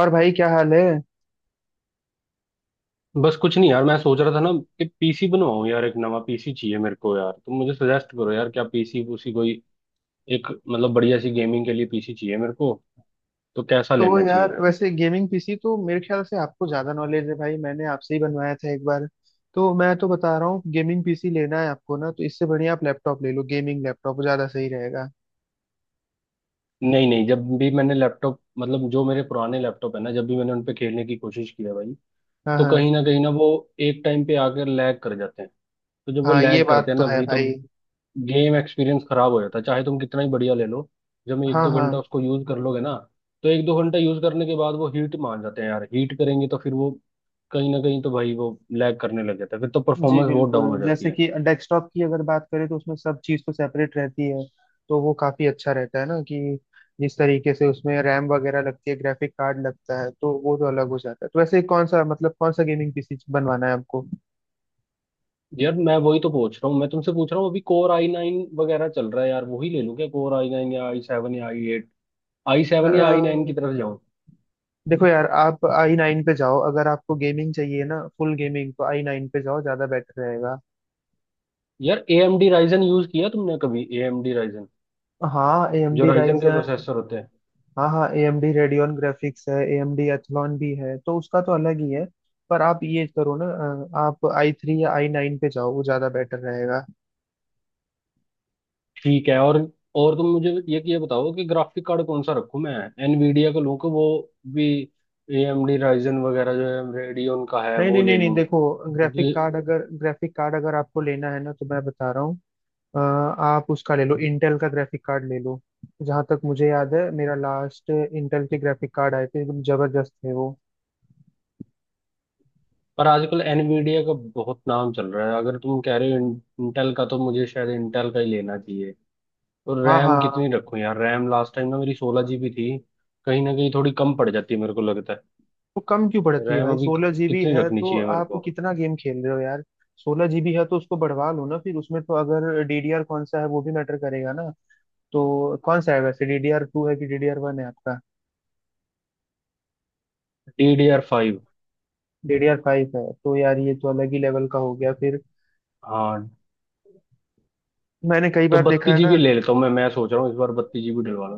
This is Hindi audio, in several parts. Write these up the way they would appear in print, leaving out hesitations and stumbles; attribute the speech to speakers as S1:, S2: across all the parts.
S1: और भाई, क्या हाल है?
S2: बस कुछ नहीं यार, मैं सोच रहा था ना कि पीसी बनवाऊं। यार, एक नवा पीसी चाहिए मेरे को। यार, तुम मुझे सजेस्ट करो यार क्या पीसी उसी कोई एक, मतलब बढ़िया सी गेमिंग के लिए पीसी चाहिए मेरे को। तो कैसा
S1: तो
S2: लेना चाहिए?
S1: यार, वैसे गेमिंग पीसी तो मेरे ख्याल से आपको ज्यादा नॉलेज है भाई। मैंने आपसे ही बनवाया था एक बार। तो मैं तो बता रहा हूँ, गेमिंग पीसी लेना है आपको ना तो इससे बढ़िया आप लैपटॉप ले लो। गेमिंग लैपटॉप ज्यादा सही रहेगा।
S2: नहीं नहीं, जब भी मैंने लैपटॉप, मतलब जो मेरे पुराने लैपटॉप है ना, जब भी मैंने उन पे खेलने की कोशिश की है भाई,
S1: हाँ,
S2: तो
S1: हाँ।
S2: कहीं ना वो एक टाइम पे आकर लैग कर जाते हैं। तो जब वो
S1: हाँ, ये
S2: लैग करते
S1: बात
S2: हैं
S1: तो
S2: ना
S1: है
S2: भाई, तो
S1: भाई।
S2: गेम एक्सपीरियंस खराब हो जाता है, चाहे तुम कितना ही बढ़िया ले लो। जब एक
S1: हाँ,
S2: दो घंटा
S1: हाँ।
S2: उसको यूज कर लोगे ना, तो एक दो घंटा यूज करने के बाद वो हीट मान जाते हैं यार। हीट करेंगे तो फिर वो कहीं ना कहीं तो भाई वो लैग करने लग जाता है, फिर तो
S1: जी
S2: परफॉर्मेंस बहुत डाउन हो
S1: बिल्कुल,
S2: जाती
S1: जैसे
S2: है।
S1: कि डेस्कटॉप की अगर बात करें तो उसमें सब चीज़ तो सेपरेट रहती है, तो वो काफ़ी अच्छा रहता है ना, कि जिस तरीके से उसमें रैम वगैरह लगती है, ग्राफिक कार्ड लगता है, तो वो तो अलग हो जाता है। तो वैसे कौन सा, मतलब, कौन सा गेमिंग पीसी बनवाना है आपको?
S2: यार मैं वही तो पूछ रहा हूँ, मैं तुमसे पूछ रहा हूँ। अभी Core i9 वगैरह चल रहा है यार, वही ले लूँ क्या? Core i9 या i7 या i8? आई
S1: अ,
S2: सेवन या i9 की तरफ जाऊँ?
S1: देखो यार, आप आई नाइन पे जाओ। अगर आपको गेमिंग चाहिए ना, फुल गेमिंग, तो आई नाइन पे जाओ, ज़्यादा बेटर रहेगा।
S2: यार, A M D Ryzen use किया तुमने कभी? ए एम डी राइजन,
S1: हाँ, ए एम
S2: जो
S1: डी।
S2: राइजन के प्रोसेसर होते हैं।
S1: हाँ, हाँ। A M D Radeon graphics है, ए एम डी एथलॉन भी है, तो उसका तो अलग ही है। पर आप ये करो ना, आप आई थ्री या आई नाइन पे जाओ, वो ज्यादा बेटर रहेगा।
S2: ठीक है। और तुम मुझे ये बताओ कि ग्राफिक कार्ड कौन सा रखूं मैं? एनवीडिया का लूं, कि वो भी एएमडी राइजन वगैरह जो है रेडियन का है,
S1: नहीं,
S2: वो
S1: नहीं,
S2: ले
S1: नहीं, नहीं।
S2: लूं?
S1: देखो, ग्राफिक कार्ड
S2: क्योंकि
S1: अगर ग्राफिक कार्ड अगर आपको लेना है ना तो मैं बता रहा हूँ, आप उसका ले लो, इंटेल का ग्राफिक कार्ड ले लो। जहाँ तक मुझे याद है, मेरा लास्ट इंटेल के ग्राफिक कार्ड आए थे, एकदम जबरदस्त थे वो।
S2: पर आजकल एनवीडिया का बहुत नाम चल रहा है। अगर तुम कह रहे हो इंटेल का, तो मुझे शायद इंटेल का ही लेना चाहिए। और
S1: हाँ,
S2: रैम
S1: हाँ।
S2: कितनी रखूं यार? रैम लास्ट टाइम ना मेरी 16 जीबी थी, कहीं ना कहीं थोड़ी कम पड़ जाती है मेरे को लगता
S1: वो कम क्यों
S2: है।
S1: पड़ती है
S2: रैम
S1: भाई?
S2: अभी
S1: 16 जीबी
S2: कितनी
S1: है
S2: रखनी
S1: तो
S2: चाहिए मेरे
S1: आप
S2: को?
S1: कितना गेम खेल रहे हो यार? 16 जीबी है तो उसको बढ़वा लो ना फिर। उसमें तो अगर डीडीआर कौन सा है वो भी मैटर करेगा ना। तो कौन सा है वैसे, डीडीआर 2 है कि डीडीआर 1 है आपका?
S2: DDR5।
S1: डीडीआर 5 है तो यार, ये तो अलग ही लेवल का हो गया फिर।
S2: हाँ।
S1: मैंने कई
S2: तो
S1: बार देखा
S2: बत्तीस
S1: है ना।
S2: जीबी ले लेता हूँ मैं। सोच रहा हूँ इस बार 32 जीबी डलवा।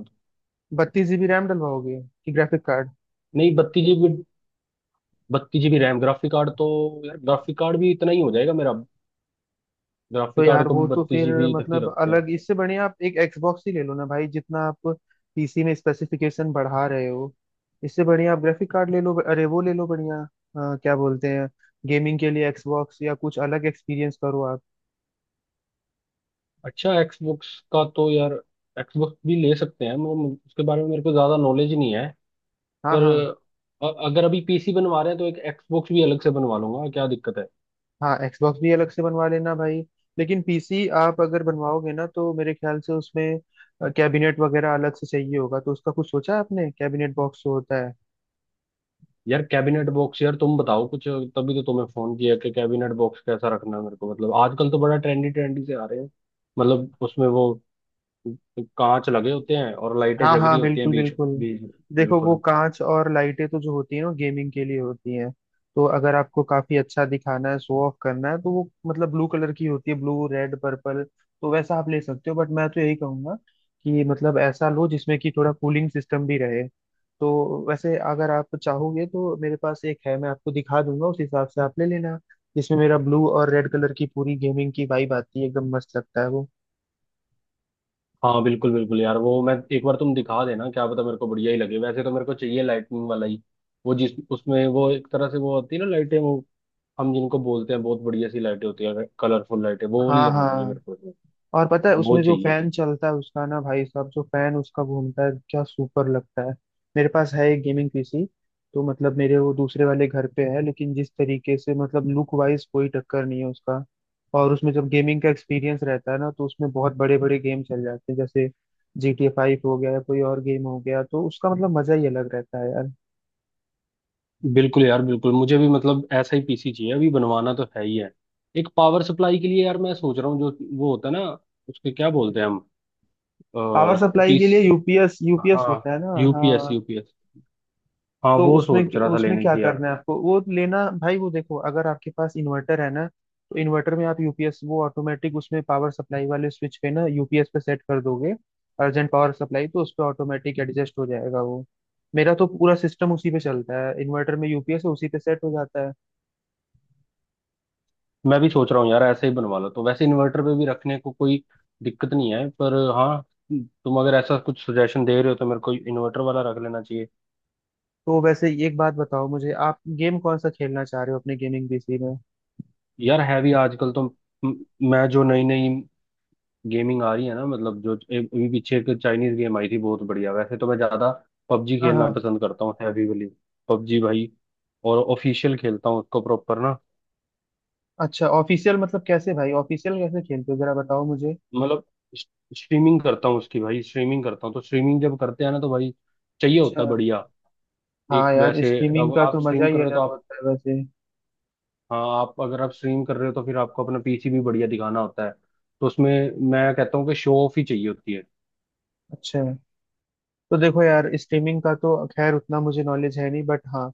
S1: 32 जीबी रैम डलवाओगे कि ग्राफिक कार्ड?
S2: नहीं, 32 GB, 32 GB RAM. Graphic card तो यार, ग्राफिक कार्ड भी इतना ही हो जाएगा मेरा।
S1: तो
S2: ग्राफिक कार्ड
S1: यार,
S2: को
S1: वो
S2: भी
S1: तो
S2: बत्तीस
S1: फिर
S2: जीबी तक ही
S1: मतलब
S2: रखते हैं।
S1: अलग, इससे बढ़िया आप एक एक्सबॉक्स ही ले लो ना भाई। जितना आप पीसी में स्पेसिफिकेशन बढ़ा रहे हो, इससे बढ़िया आप ग्राफिक कार्ड ले लो, अरे वो ले लो बढ़िया, क्या बोलते हैं, गेमिंग के लिए एक्सबॉक्स या कुछ अलग एक्सपीरियंस करो आप।
S2: अच्छा, एक्सबॉक्स का तो यार एक्सबॉक्स भी ले सकते हैं, मगर उसके बारे में मेरे को ज्यादा नॉलेज ही नहीं है।
S1: हाँ,
S2: पर
S1: हाँ।
S2: अगर अभी पीसी बनवा रहे हैं, तो एक एक्सबॉक्स भी अलग से बनवा लूंगा, क्या दिक्कत है?
S1: हाँ, एक्सबॉक्स भी अलग से बनवा लेना भाई। लेकिन पीसी आप अगर बनवाओगे ना, तो मेरे ख्याल से उसमें कैबिनेट वगैरह अलग से चाहिए होगा, तो उसका कुछ सोचा है आपने कैबिनेट बॉक्स जो होता है?
S2: यार कैबिनेट बॉक्स, यार तुम बताओ कुछ, तभी तो तुम्हें फोन किया कि कैबिनेट बॉक्स कैसा रखना है मेरे को। मतलब आजकल तो बड़ा ट्रेंडी ट्रेंडी से आ रहे हैं। मतलब उसमें वो कांच लगे होते हैं, और लाइटें
S1: हाँ,
S2: जग रही
S1: हाँ,
S2: होती हैं
S1: बिल्कुल,
S2: बीच
S1: बिल्कुल।
S2: बीच।
S1: देखो, वो
S2: बिल्कुल।
S1: कांच और लाइटें तो जो होती है ना, गेमिंग के लिए होती हैं। तो अगर आपको काफी अच्छा दिखाना है, शो ऑफ करना है, तो वो मतलब ब्लू कलर की होती है, ब्लू, रेड, पर्पल। तो वैसा आप ले सकते हो, बट मैं तो यही कहूंगा कि मतलब ऐसा लो जिसमें कि थोड़ा कूलिंग सिस्टम भी रहे। तो वैसे अगर आप चाहोगे तो मेरे पास एक है, मैं आपको दिखा दूंगा, उस हिसाब से आप ले लेना, जिसमें मेरा ब्लू और रेड कलर की पूरी गेमिंग की वाइब आती है, एकदम मस्त लगता है वो।
S2: हाँ बिल्कुल बिल्कुल यार, वो मैं एक बार तुम दिखा देना। क्या पता मेरे को बढ़िया ही लगे। वैसे तो मेरे को चाहिए लाइटनिंग वाला ही, वो जिस उसमें वो एक तरह से वो होती है ना लाइटें, वो हम जिनको बोलते हैं, बहुत बढ़िया सी लाइटें होती है, कलरफुल लाइटें, वो वाली
S1: हाँ,
S2: लगवानी है
S1: हाँ।
S2: मेरे को इसमें।
S1: और पता है
S2: वो
S1: उसमें जो
S2: चाहिए।
S1: फैन चलता है उसका ना, भाई साहब, जो फैन उसका घूमता है, क्या सुपर लगता है। मेरे पास है एक गेमिंग पीसी, तो मतलब मेरे वो दूसरे वाले घर पे है, लेकिन जिस तरीके से मतलब लुक वाइज, कोई टक्कर नहीं है उसका। और उसमें जब गेमिंग का एक्सपीरियंस रहता है ना, तो उसमें बहुत बड़े बड़े गेम चल जाते हैं, जैसे जीटीए 5 हो गया या कोई और गेम हो गया, तो उसका मतलब मजा ही अलग रहता है यार।
S2: बिल्कुल यार बिल्कुल, मुझे भी मतलब ऐसा ही पीसी चाहिए। अभी बनवाना तो है ही है। एक पावर सप्लाई के लिए यार मैं सोच रहा हूँ, जो वो होता है ना, उसके क्या बोलते हैं हम?
S1: पावर सप्लाई के लिए
S2: पीस,
S1: यूपीएस, यूपीएस
S2: हाँ,
S1: होता है ना,
S2: यूपीएस
S1: हाँ।
S2: यूपीएस। हाँ,
S1: तो
S2: वो
S1: उसमें
S2: सोच रहा था
S1: उसमें
S2: लेने
S1: क्या
S2: की यार।
S1: करना है आपको? वो लेना भाई, वो देखो अगर आपके पास इन्वर्टर है ना तो इन्वर्टर में आप यूपीएस, वो ऑटोमेटिक उसमें पावर सप्लाई वाले स्विच पे ना यूपीएस पे सेट कर दोगे। अर्जेंट पावर सप्लाई तो उस पे ऑटोमेटिक एडजस्ट हो जाएगा वो। मेरा तो पूरा सिस्टम उसी पे चलता है, इन्वर्टर में यूपीएस है, उसी पे सेट हो जाता है।
S2: मैं भी सोच रहा हूँ यार, ऐसे ही बनवा लो। तो वैसे इन्वर्टर पे भी रखने को कोई दिक्कत नहीं है, पर हाँ, तुम अगर ऐसा कुछ सजेशन दे रहे हो तो मेरे को इन्वर्टर वाला रख लेना चाहिए।
S1: तो वैसे एक बात बताओ मुझे, आप गेम कौन सा खेलना चाह रहे हो अपने गेमिंग पीसी में?
S2: यार है भी आजकल तो, म- मैं, जो नई नई गेमिंग आ रही है ना, मतलब जो अभी पीछे एक चाइनीज गेम आई थी बहुत बढ़िया। वैसे तो मैं ज्यादा पबजी
S1: हाँ,
S2: खेलना
S1: हाँ।
S2: पसंद करता हूँ, हैवी वाली पबजी भाई। और ऑफिशियल खेलता हूँ उसको प्रॉपर ना।
S1: अच्छा, ऑफिशियल मतलब कैसे भाई? ऑफिशियल कैसे खेलते हो जरा बताओ मुझे।
S2: मतलब स्ट्रीमिंग करता हूँ उसकी भाई। स्ट्रीमिंग करता हूँ, तो स्ट्रीमिंग जब करते हैं ना तो भाई, चाहिए होता
S1: अच्छा।
S2: है बढ़िया। एक
S1: हाँ यार,
S2: वैसे,
S1: स्ट्रीमिंग
S2: अब
S1: का
S2: आप
S1: तो मजा
S2: स्ट्रीम कर
S1: ही
S2: रहे हो तो
S1: अलग
S2: आप,
S1: होता है वैसे।
S2: हाँ, आप अगर आप स्ट्रीम कर रहे हो तो फिर आपको अपना पीसी भी बढ़िया दिखाना होता है। तो उसमें मैं कहता हूँ कि शो ऑफ ही चाहिए होती है।
S1: अच्छा। तो देखो यार, स्ट्रीमिंग का तो खैर उतना मुझे नॉलेज है नहीं, बट हाँ,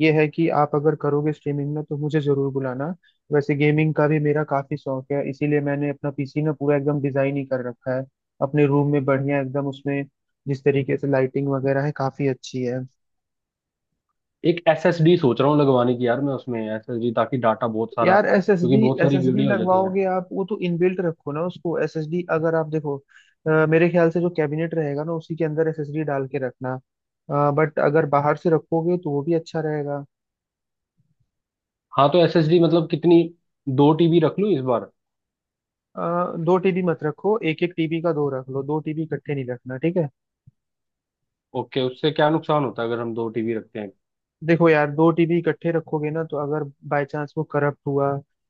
S1: ये है कि आप अगर करोगे स्ट्रीमिंग ना, तो मुझे जरूर बुलाना। वैसे गेमिंग का भी मेरा काफी शौक है, इसीलिए मैंने अपना पीसी ना पूरा एकदम डिजाइन ही कर रखा है अपने रूम में, बढ़िया एकदम, उसमें जिस तरीके से लाइटिंग वगैरह है, काफी अच्छी है।
S2: एक एसएसडी सोच रहा हूँ लगवाने की यार। मैं उसमें एसएसडी, ताकि डाटा बहुत सारा,
S1: यार एस एस
S2: क्योंकि
S1: डी,
S2: बहुत
S1: एस
S2: सारी
S1: एस डी
S2: वीडियो हो जाती हैं।
S1: लगवाओगे आप? वो तो इनबिल्ट रखो ना उसको। एस एस डी अगर आप देखो, मेरे ख्याल से जो कैबिनेट रहेगा ना, उसी के अंदर एस एस डी डाल के रखना, बट अगर बाहर से रखोगे तो वो भी अच्छा रहेगा।
S2: हाँ, तो एसएसडी मतलब कितनी? 2 टीबी रख लूँ इस बार?
S1: 2 टीबी मत रखो, एक एक टीबी का दो रख लो, 2 टीबी इकट्ठे नहीं रखना, ठीक है?
S2: ओके, उससे क्या नुकसान होता है अगर हम 2 टीबी रखते हैं?
S1: देखो यार, 2 टीबी इकट्ठे रखोगे ना, तो अगर बाय चांस वो करप्ट हुआ,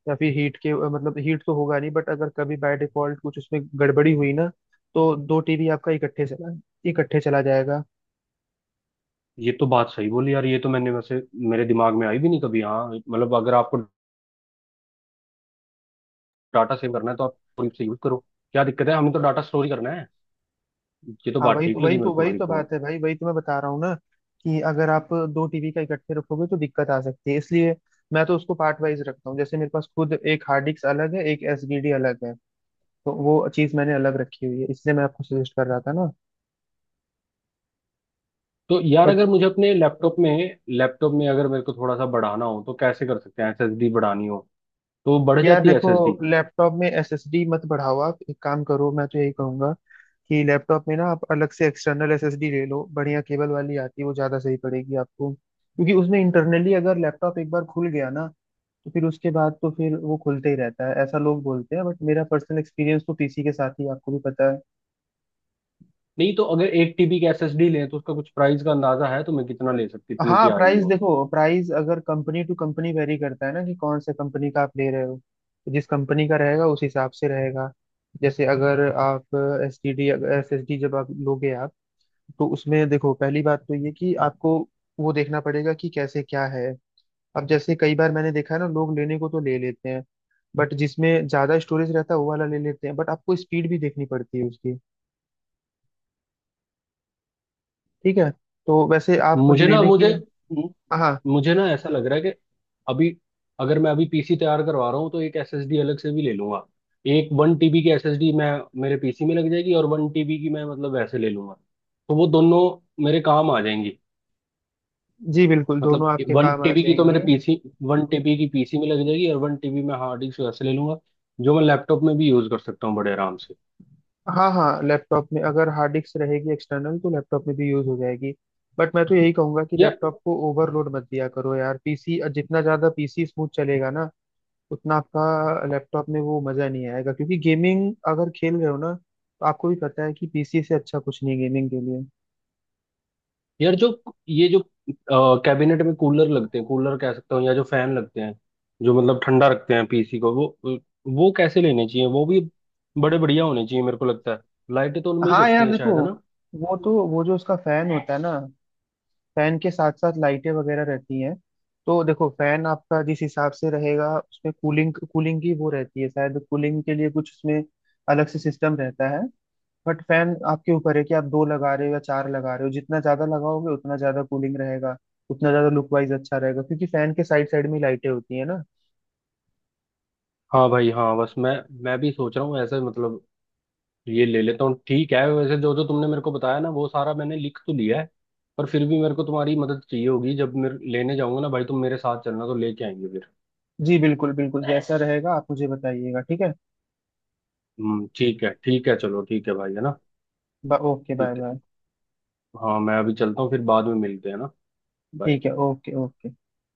S1: या फिर हीट के मतलब, हीट तो होगा नहीं, बट अगर कभी बाय डिफॉल्ट कुछ उसमें गड़बड़ी हुई ना, तो 2 टीबी आपका इकट्ठे चला जाएगा।
S2: ये तो बात सही बोली यार। ये तो मैंने वैसे मेरे दिमाग में आई भी नहीं कभी। हाँ मतलब अगर आपको डाटा सेव करना है तो आप से यूज करो, क्या दिक्कत है। हमें तो डाटा स्टोर ही करना है। ये तो
S1: हाँ,
S2: बात
S1: वही
S2: ठीक
S1: तो वही
S2: लगी मेरे
S1: तो
S2: को
S1: वही
S2: भाई,
S1: तो
S2: बहुत।
S1: बात है भाई, वही तो मैं बता रहा हूँ ना, कि अगर आप दो टीवी का इकट्ठे रखोगे तो दिक्कत आ सकती है, इसलिए मैं तो उसको पार्ट वाइज रखता हूँ, जैसे मेरे पास खुद एक हार्ड डिस्क अलग है, एक एसडीडी अलग है, तो वो चीज़ मैंने अलग रखी हुई है, इसलिए मैं आपको सजेस्ट कर रहा था ना।
S2: तो यार,
S1: बट
S2: अगर मुझे अपने लैपटॉप में, अगर मेरे को थोड़ा सा बढ़ाना हो तो कैसे कर सकते हैं? एसएसडी बढ़ानी हो, तो वो बढ़
S1: यार
S2: जाती है
S1: देखो,
S2: एसएसडी?
S1: लैपटॉप में एसएसडी मत बढ़ाओ, आप एक काम करो, मैं तो यही कहूंगा कि लैपटॉप में ना, आप अलग से एक्सटर्नल एसएसडी ले लो, बढ़िया केबल वाली आती है, वो ज़्यादा सही पड़ेगी आपको, क्योंकि उसमें इंटरनली अगर लैपटॉप एक बार खुल गया ना, तो फिर उसके बाद तो फिर वो खुलते ही रहता है, ऐसा लोग बोलते हैं, बट मेरा पर्सनल एक्सपीरियंस तो पीसी के साथ ही है, आपको भी पता है।
S2: नहीं, तो अगर 1 टीबी की एसएसडी लें, तो उसका कुछ प्राइस का अंदाजा है? तो मैं कितना ले सकती, कितने की
S1: हाँ,
S2: आएगी
S1: प्राइस
S2: वो?
S1: देखो, प्राइस अगर कंपनी टू कंपनी वेरी करता है ना, कि कौन से कंपनी का आप ले रहे हो, तो जिस कंपनी का रहेगा, उस हिसाब से रहेगा। जैसे अगर आप एस एस डी जब आप लोगे आप, तो उसमें देखो, पहली बात तो ये कि आपको वो देखना पड़ेगा कि कैसे क्या है। अब जैसे कई बार मैंने देखा है ना, लोग लेने को तो ले लेते हैं, बट जिसमें ज्यादा स्टोरेज रहता है वो वाला ले लेते हैं, बट आपको स्पीड भी देखनी पड़ती है उसकी, ठीक है। तो वैसे आप
S2: मुझे ना
S1: लेने की।
S2: मुझे
S1: हाँ।
S2: मुझे ना ऐसा लग रहा है कि अभी, अगर मैं अभी पीसी तैयार करवा रहा हूँ, तो एक एसएसडी अलग से भी ले लूंगा। एक 1 टीबी की एसएसडी मैं मेरे पीसी में लग जाएगी, और 1 टीबी की मैं, मतलब वैसे ले लूंगा। तो वो दोनों मेरे काम आ जाएंगी।
S1: जी बिल्कुल,
S2: मतलब
S1: दोनों आपके
S2: वन
S1: काम आ
S2: टीबी की तो मेरे
S1: जाएंगे।
S2: पीसी, 1 टीबी की पीसी में लग जाएगी, और वन टीबी मैं हार्ड डिस्क वैसे ले लूंगा, जो मैं लैपटॉप में भी यूज कर सकता हूँ बड़े आराम से।
S1: हाँ, हाँ। लैपटॉप में अगर हार्ड डिस्क रहेगी एक्सटर्नल, तो लैपटॉप में भी यूज हो जाएगी, बट मैं तो यही कहूंगा कि
S2: यार
S1: लैपटॉप को ओवरलोड मत दिया करो यार, पीसी जितना ज्यादा पीसी स्मूथ चलेगा ना, उतना आपका लैपटॉप में वो मजा नहीं आएगा, क्योंकि गेमिंग अगर खेल रहे हो ना, तो आपको भी पता है कि पीसी से अच्छा कुछ नहीं है गेमिंग के लिए।
S2: यार, जो ये जो कैबिनेट में कूलर लगते हैं, कूलर कह सकता हूँ या जो फैन लगते हैं, जो मतलब ठंडा रखते हैं पीसी को, वो कैसे लेने चाहिए? वो भी बड़े बढ़िया होने चाहिए मेरे को लगता है। लाइटें तो उनमें ही
S1: हाँ
S2: जगती
S1: यार
S2: हैं
S1: देखो,
S2: शायद, है ना?
S1: वो जो उसका फैन होता है ना, फैन के साथ साथ लाइटें वगैरह रहती हैं। तो देखो, फैन आपका जिस हिसाब से रहेगा, उसमें कूलिंग, कूलिंग की वो रहती है शायद, कूलिंग के लिए कुछ उसमें अलग से सिस्टम रहता है। बट फैन आपके ऊपर है कि आप दो लगा रहे हो या चार लगा रहे हो, जितना ज्यादा लगाओगे, उतना ज्यादा कूलिंग रहेगा, उतना ज्यादा लुक वाइज अच्छा रहेगा, क्योंकि फैन के साइड साइड में लाइटें होती है ना।
S2: हाँ भाई हाँ। बस मैं भी सोच रहा हूँ ऐसा ही। मतलब ये ले लेता हूँ, ठीक है। वैसे जो जो तुमने मेरे को बताया ना, वो सारा मैंने लिख तो लिया है। पर फिर भी मेरे को तुम्हारी मदद चाहिए होगी जब मैं लेने जाऊंगा ना भाई, तुम मेरे साथ चलना, तो लेके आएंगे फिर।
S1: जी बिल्कुल, बिल्कुल। जैसा रहेगा आप मुझे बताइएगा, ठीक है।
S2: हम्म, ठीक है ठीक है, चलो ठीक है भाई, है ना?
S1: ओके, बाय
S2: ठीक है।
S1: बाय,
S2: हाँ मैं अभी चलता हूँ, फिर बाद में मिलते हैं ना।
S1: ठीक
S2: Bye.
S1: है, ओके, ओके।